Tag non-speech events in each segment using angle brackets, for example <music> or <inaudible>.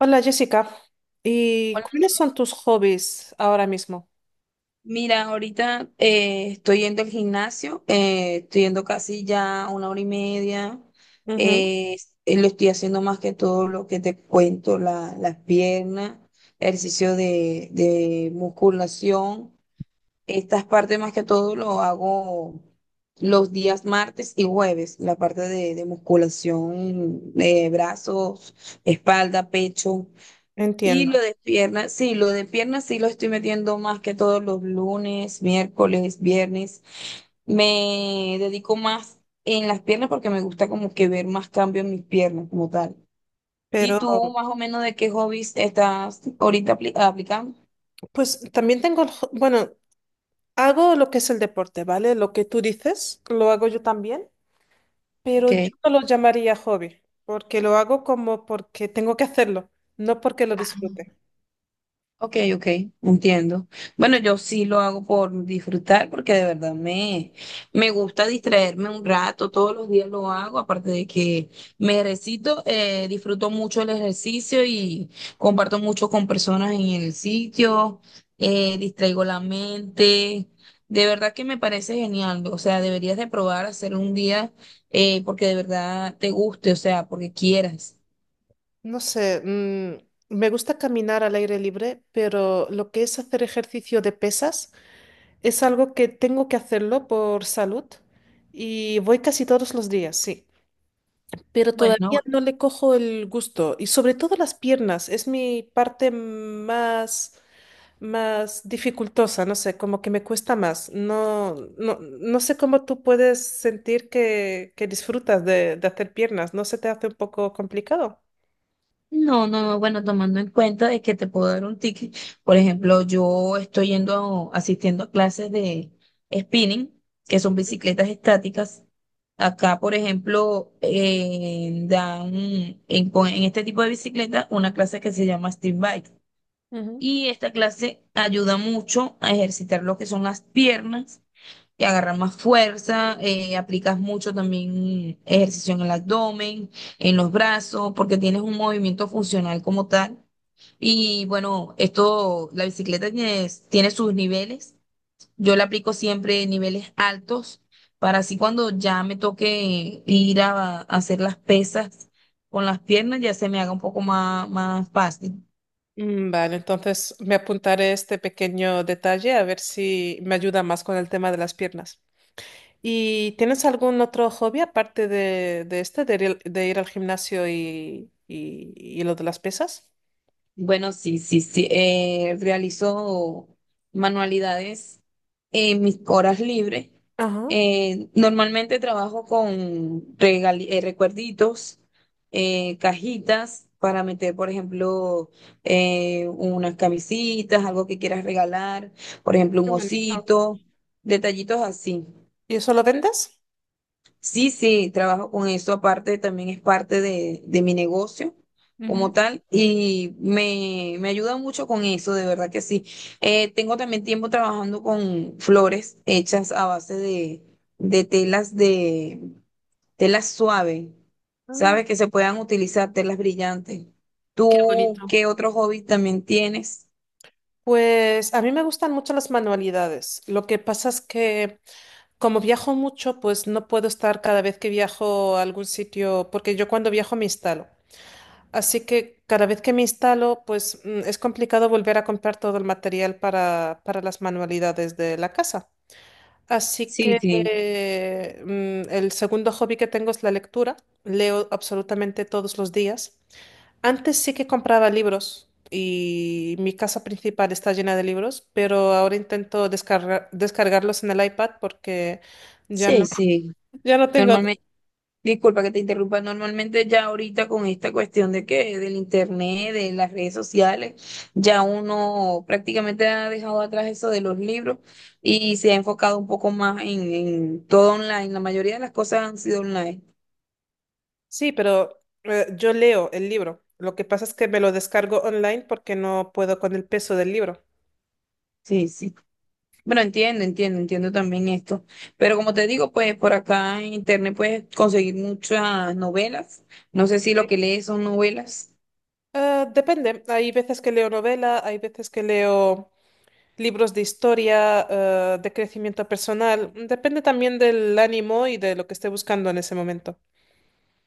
Hola Jessica, ¿y Hola, cuáles son tus hobbies ahora mismo? mira, ahorita estoy yendo al gimnasio, estoy yendo casi ya una hora y media, Ujú, eh, lo estoy haciendo más que todo lo que te cuento, las piernas, ejercicio de musculación. Estas partes más que todo lo hago los días martes y jueves, la parte de musculación, de brazos, espalda, pecho. Y lo entiendo, de piernas, sí, lo de piernas sí lo estoy metiendo más que todos los lunes, miércoles, viernes. Me dedico más en las piernas porque me gusta como que ver más cambio en mis piernas como tal. ¿Y pero tú más o menos de qué hobbies estás ahorita aplicando? pues también tengo, bueno, hago lo que es el deporte, ¿vale? Lo que tú dices, lo hago yo también, pero yo Ok. no lo llamaría hobby, porque lo hago como porque tengo que hacerlo, no porque lo disfrute. Ok, ok, entiendo. Bueno, yo sí lo hago por disfrutar porque de verdad me gusta distraerme un rato, todos los días lo hago, aparte de que me ejercito, disfruto mucho el ejercicio y comparto mucho con personas en el sitio, distraigo la mente, de verdad que me parece genial, o sea, deberías de probar hacer un día porque de verdad te guste, o sea, porque quieras. No sé, me gusta caminar al aire libre, pero lo que es hacer ejercicio de pesas es algo que tengo que hacerlo por salud y voy casi todos los días, sí, pero todavía Bueno, no le cojo el gusto. Y sobre todo las piernas, es mi parte más, más dificultosa, no sé, como que me cuesta más. No, no, no sé cómo tú puedes sentir que disfrutas de hacer piernas, ¿no se te hace un poco complicado? no, no, no, bueno, tomando en cuenta de que te puedo dar un ticket. Por ejemplo, yo estoy yendo, asistiendo a clases de spinning, que son bicicletas estáticas. Acá, por ejemplo, dan en este tipo de bicicleta una clase que se llama street bike. Ujú. Y esta clase ayuda mucho a ejercitar lo que son las piernas y agarrar más fuerza, aplicas mucho también ejercicio en el abdomen, en los brazos, porque tienes un movimiento funcional como tal. Y bueno, esto, la bicicleta tiene sus niveles. Yo le aplico siempre niveles altos para así cuando ya me toque ir a hacer las pesas con las piernas, ya se me haga un poco más, más fácil. Vale, entonces me apuntaré este pequeño detalle a ver si me ayuda más con el tema de las piernas. ¿Y tienes algún otro hobby aparte de este, de ir al gimnasio y, y lo de las pesas? Bueno, sí, sí, sí. Realizo manualidades en mis horas libres. Ajá. Normalmente trabajo con recuerditos, cajitas para meter, por ejemplo, unas camisitas, algo que quieras regalar, por ejemplo, Qué un bonito. osito, detallitos así. ¿Y eso lo vendes? Sí, sí, trabajo con eso. Aparte, también es parte de mi negocio Ujú. como tal y me ayuda mucho con eso, de verdad que sí. Tengo también tiempo trabajando con flores hechas a base de telas suaves, Ah. ¿sabes? Que se puedan utilizar telas brillantes. Qué ¿Tú bonito. qué otro hobby también tienes? Pues a mí me gustan mucho las manualidades. Lo que pasa es que como viajo mucho, pues no puedo estar cada vez que viajo a algún sitio, porque yo cuando viajo me instalo. Así que cada vez que me instalo, pues es complicado volver a comprar todo el material para las manualidades de la casa. Así Sí, que sí, el segundo hobby que tengo es la lectura. Leo absolutamente todos los días. Antes sí que compraba libros y mi casa principal está llena de libros, pero ahora intento descargarlos en el iPad porque ya sí, no, sí. <laughs> ya no tengo. Normalmente. Disculpa que te interrumpa. Normalmente ya ahorita con esta cuestión de que del internet, de las redes sociales, ya uno prácticamente ha dejado atrás eso de los libros y se ha enfocado un poco más en todo online. La mayoría de las cosas han sido online. Sí, pero yo leo el libro. Lo que pasa es que me lo descargo online porque no puedo con el peso del libro. Sí, sí. Bueno, entiendo, entiendo, entiendo también esto. Pero como te digo, pues por acá en internet puedes conseguir muchas novelas. No sé si lo que lees son novelas. Depende. Hay veces que leo novela, hay veces que leo libros de historia, de crecimiento personal. Depende también del ánimo y de lo que esté buscando en ese momento.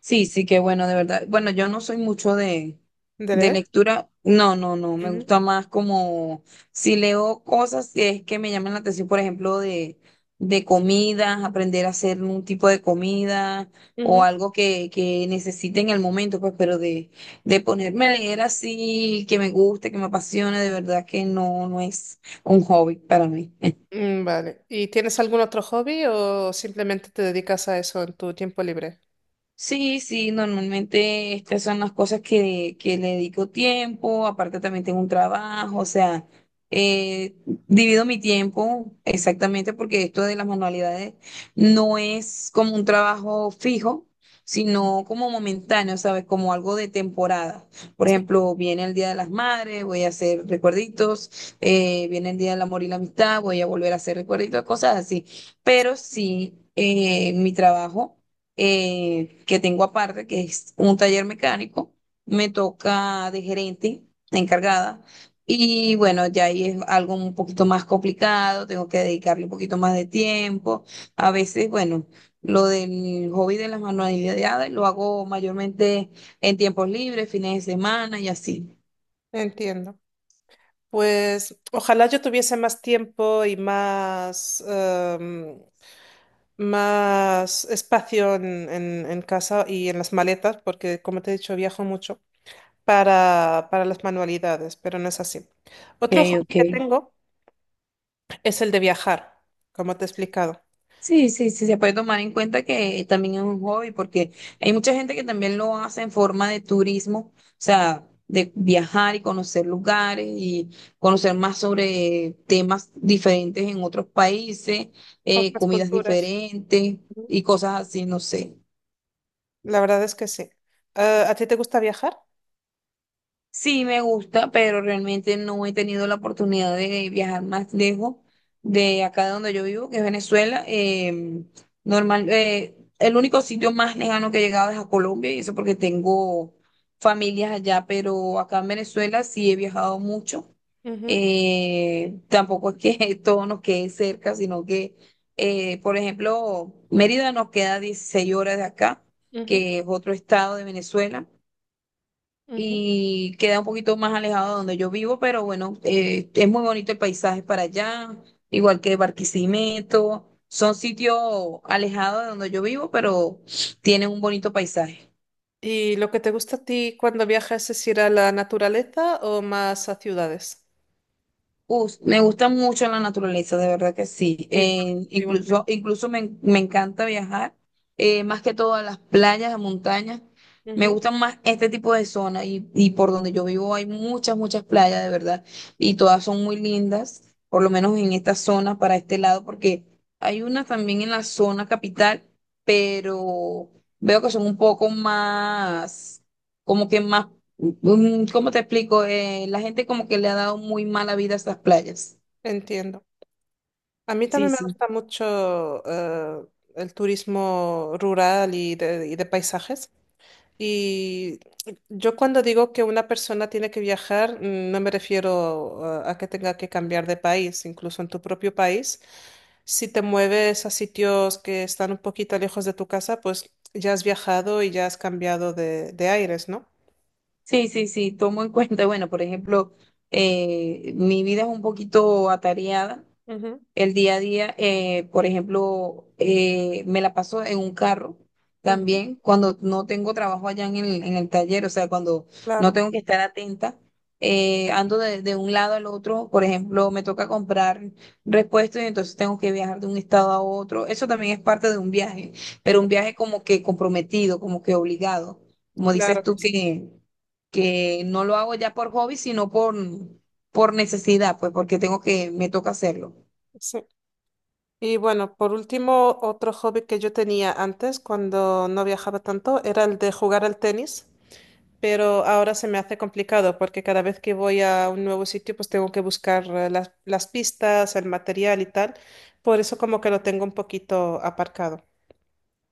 Sí, sí, qué bueno, de verdad. Bueno, yo no soy mucho ¿De de leer? lectura. No, no, no. Me Ujú. gusta más como si leo cosas que es que me llaman la atención, por ejemplo, de comidas, aprender a hacer un tipo de comida o Ujú. algo que necesite en el momento, pues, pero de ponerme a leer así, que me guste, que me apasione, de verdad que no, no es un hobby para mí. Vale. ¿Y tienes algún otro hobby o simplemente te dedicas a eso en tu tiempo libre? Sí, sí, normalmente estas son las cosas que le dedico tiempo, aparte también tengo un trabajo, o sea, eh, divido mi tiempo exactamente porque esto de las manualidades no es como un trabajo fijo, sino como momentáneo, ¿sabes? Como algo de temporada. Por Sí. ejemplo, viene el Día de las Madres, voy a hacer recuerditos, viene el Día del Amor y la Amistad, voy a volver a hacer recuerditos, cosas así. Pero sí, mi trabajo que tengo aparte, que es un taller mecánico, me toca de gerente, encargada, y bueno, ya ahí es algo un poquito más complicado, tengo que dedicarle un poquito más de tiempo, a veces, bueno, lo del hobby de las manualidades lo hago mayormente en tiempos libres, fines de semana y así. Entiendo. Pues ojalá yo tuviese más tiempo y más, más espacio en casa y en las maletas, porque como te he dicho, viajo mucho, para las manualidades, pero no es así. Ok, Otro hobby ok. que tengo es el de viajar, como te he explicado. Sí, sí, sí, se puede tomar en cuenta que también es un hobby, porque hay mucha gente que también lo hace en forma de turismo, o sea, de viajar y conocer lugares y conocer más sobre temas diferentes en otros países, Otras comidas culturas. diferentes Ujú. y cosas así, no sé. La verdad es que sí. ¿A ti te gusta viajar? Sí, me gusta, pero realmente no he tenido la oportunidad de viajar más lejos de acá de donde yo vivo, que es Venezuela. Normal, el único sitio más lejano que he llegado es a Colombia, y eso porque tengo familias allá, pero acá en Venezuela sí he viajado mucho. Ujú, Tampoco es que <laughs> todo nos quede cerca, sino que, por ejemplo, Mérida nos queda 16 horas de acá, ujú, que es otro estado de Venezuela ujú. y queda un poquito más alejado de donde yo vivo, pero bueno, es muy bonito el paisaje para allá, igual que Barquisimeto, son sitios alejados de donde yo vivo, pero tienen un bonito paisaje. ¿Y lo que te gusta a ti cuando viajas es ir a la naturaleza o más a ciudades? Me gusta mucho la naturaleza, de verdad que sí. Igual, igualmente. Incluso, incluso me encanta viajar, más que todo a las playas, a montañas. Me Ujú, gustan más este tipo de zonas y por donde yo vivo hay muchas, muchas playas, de verdad. Y todas son muy lindas, por lo menos en esta zona, para este lado, porque hay unas también en la zona capital, pero veo que son un poco más, como que más. ¿Cómo te explico? La gente como que le ha dado muy mala vida a estas playas. entiendo. A mí Sí, también me sí. gusta mucho el turismo rural y de paisajes. Y yo cuando digo que una persona tiene que viajar, no me refiero a que tenga que cambiar de país, incluso en tu propio país. Si te mueves a sitios que están un poquito lejos de tu casa, pues ya has viajado y ya has cambiado de aires, ¿no? Sí, sí, sí. Tomo en <laughs> cuenta, bueno, por ejemplo, mi vida es un poquito atareada. Ujú, El día a día, por ejemplo, me la paso en un carro ujú, también cuando no tengo trabajo allá en el taller, o sea, cuando no claro, tengo que estar atenta, ando de un lado al otro, por ejemplo, me toca comprar repuestos y entonces tengo que viajar de un estado a otro. Eso también es parte de un viaje, pero mm, un viaje como que comprometido, como que obligado. Como dices claro que tú, sí. Que no lo hago ya por hobby, sino por necesidad, pues porque tengo que, me toca hacerlo. Sí. Y bueno, por último, otro hobby que yo tenía antes cuando no viajaba tanto era el de jugar al tenis, pero ahora se me hace complicado porque cada vez que voy a un nuevo sitio, pues tengo que buscar las pistas, el material y tal. Por eso como que lo tengo un poquito aparcado.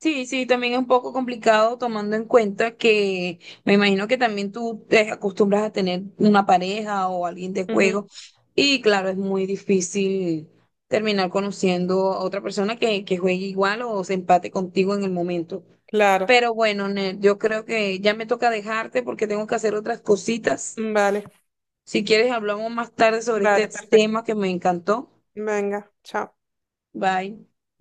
Sí, sí, también es un poco complicado tomando en cuenta que me imagino que también tú te acostumbras a tener una pareja o alguien de Ujú, juego y claro, es muy difícil terminar conociendo a otra persona que juegue igual o se empate contigo en el momento. claro, Pero bueno, Nel, yo creo que ya me toca dejarte porque tengo que hacer otras cositas. vale, Si quieres, hablamos más tarde sobre vale, este perfecto. tema que me encantó. Venga, chao. Bye.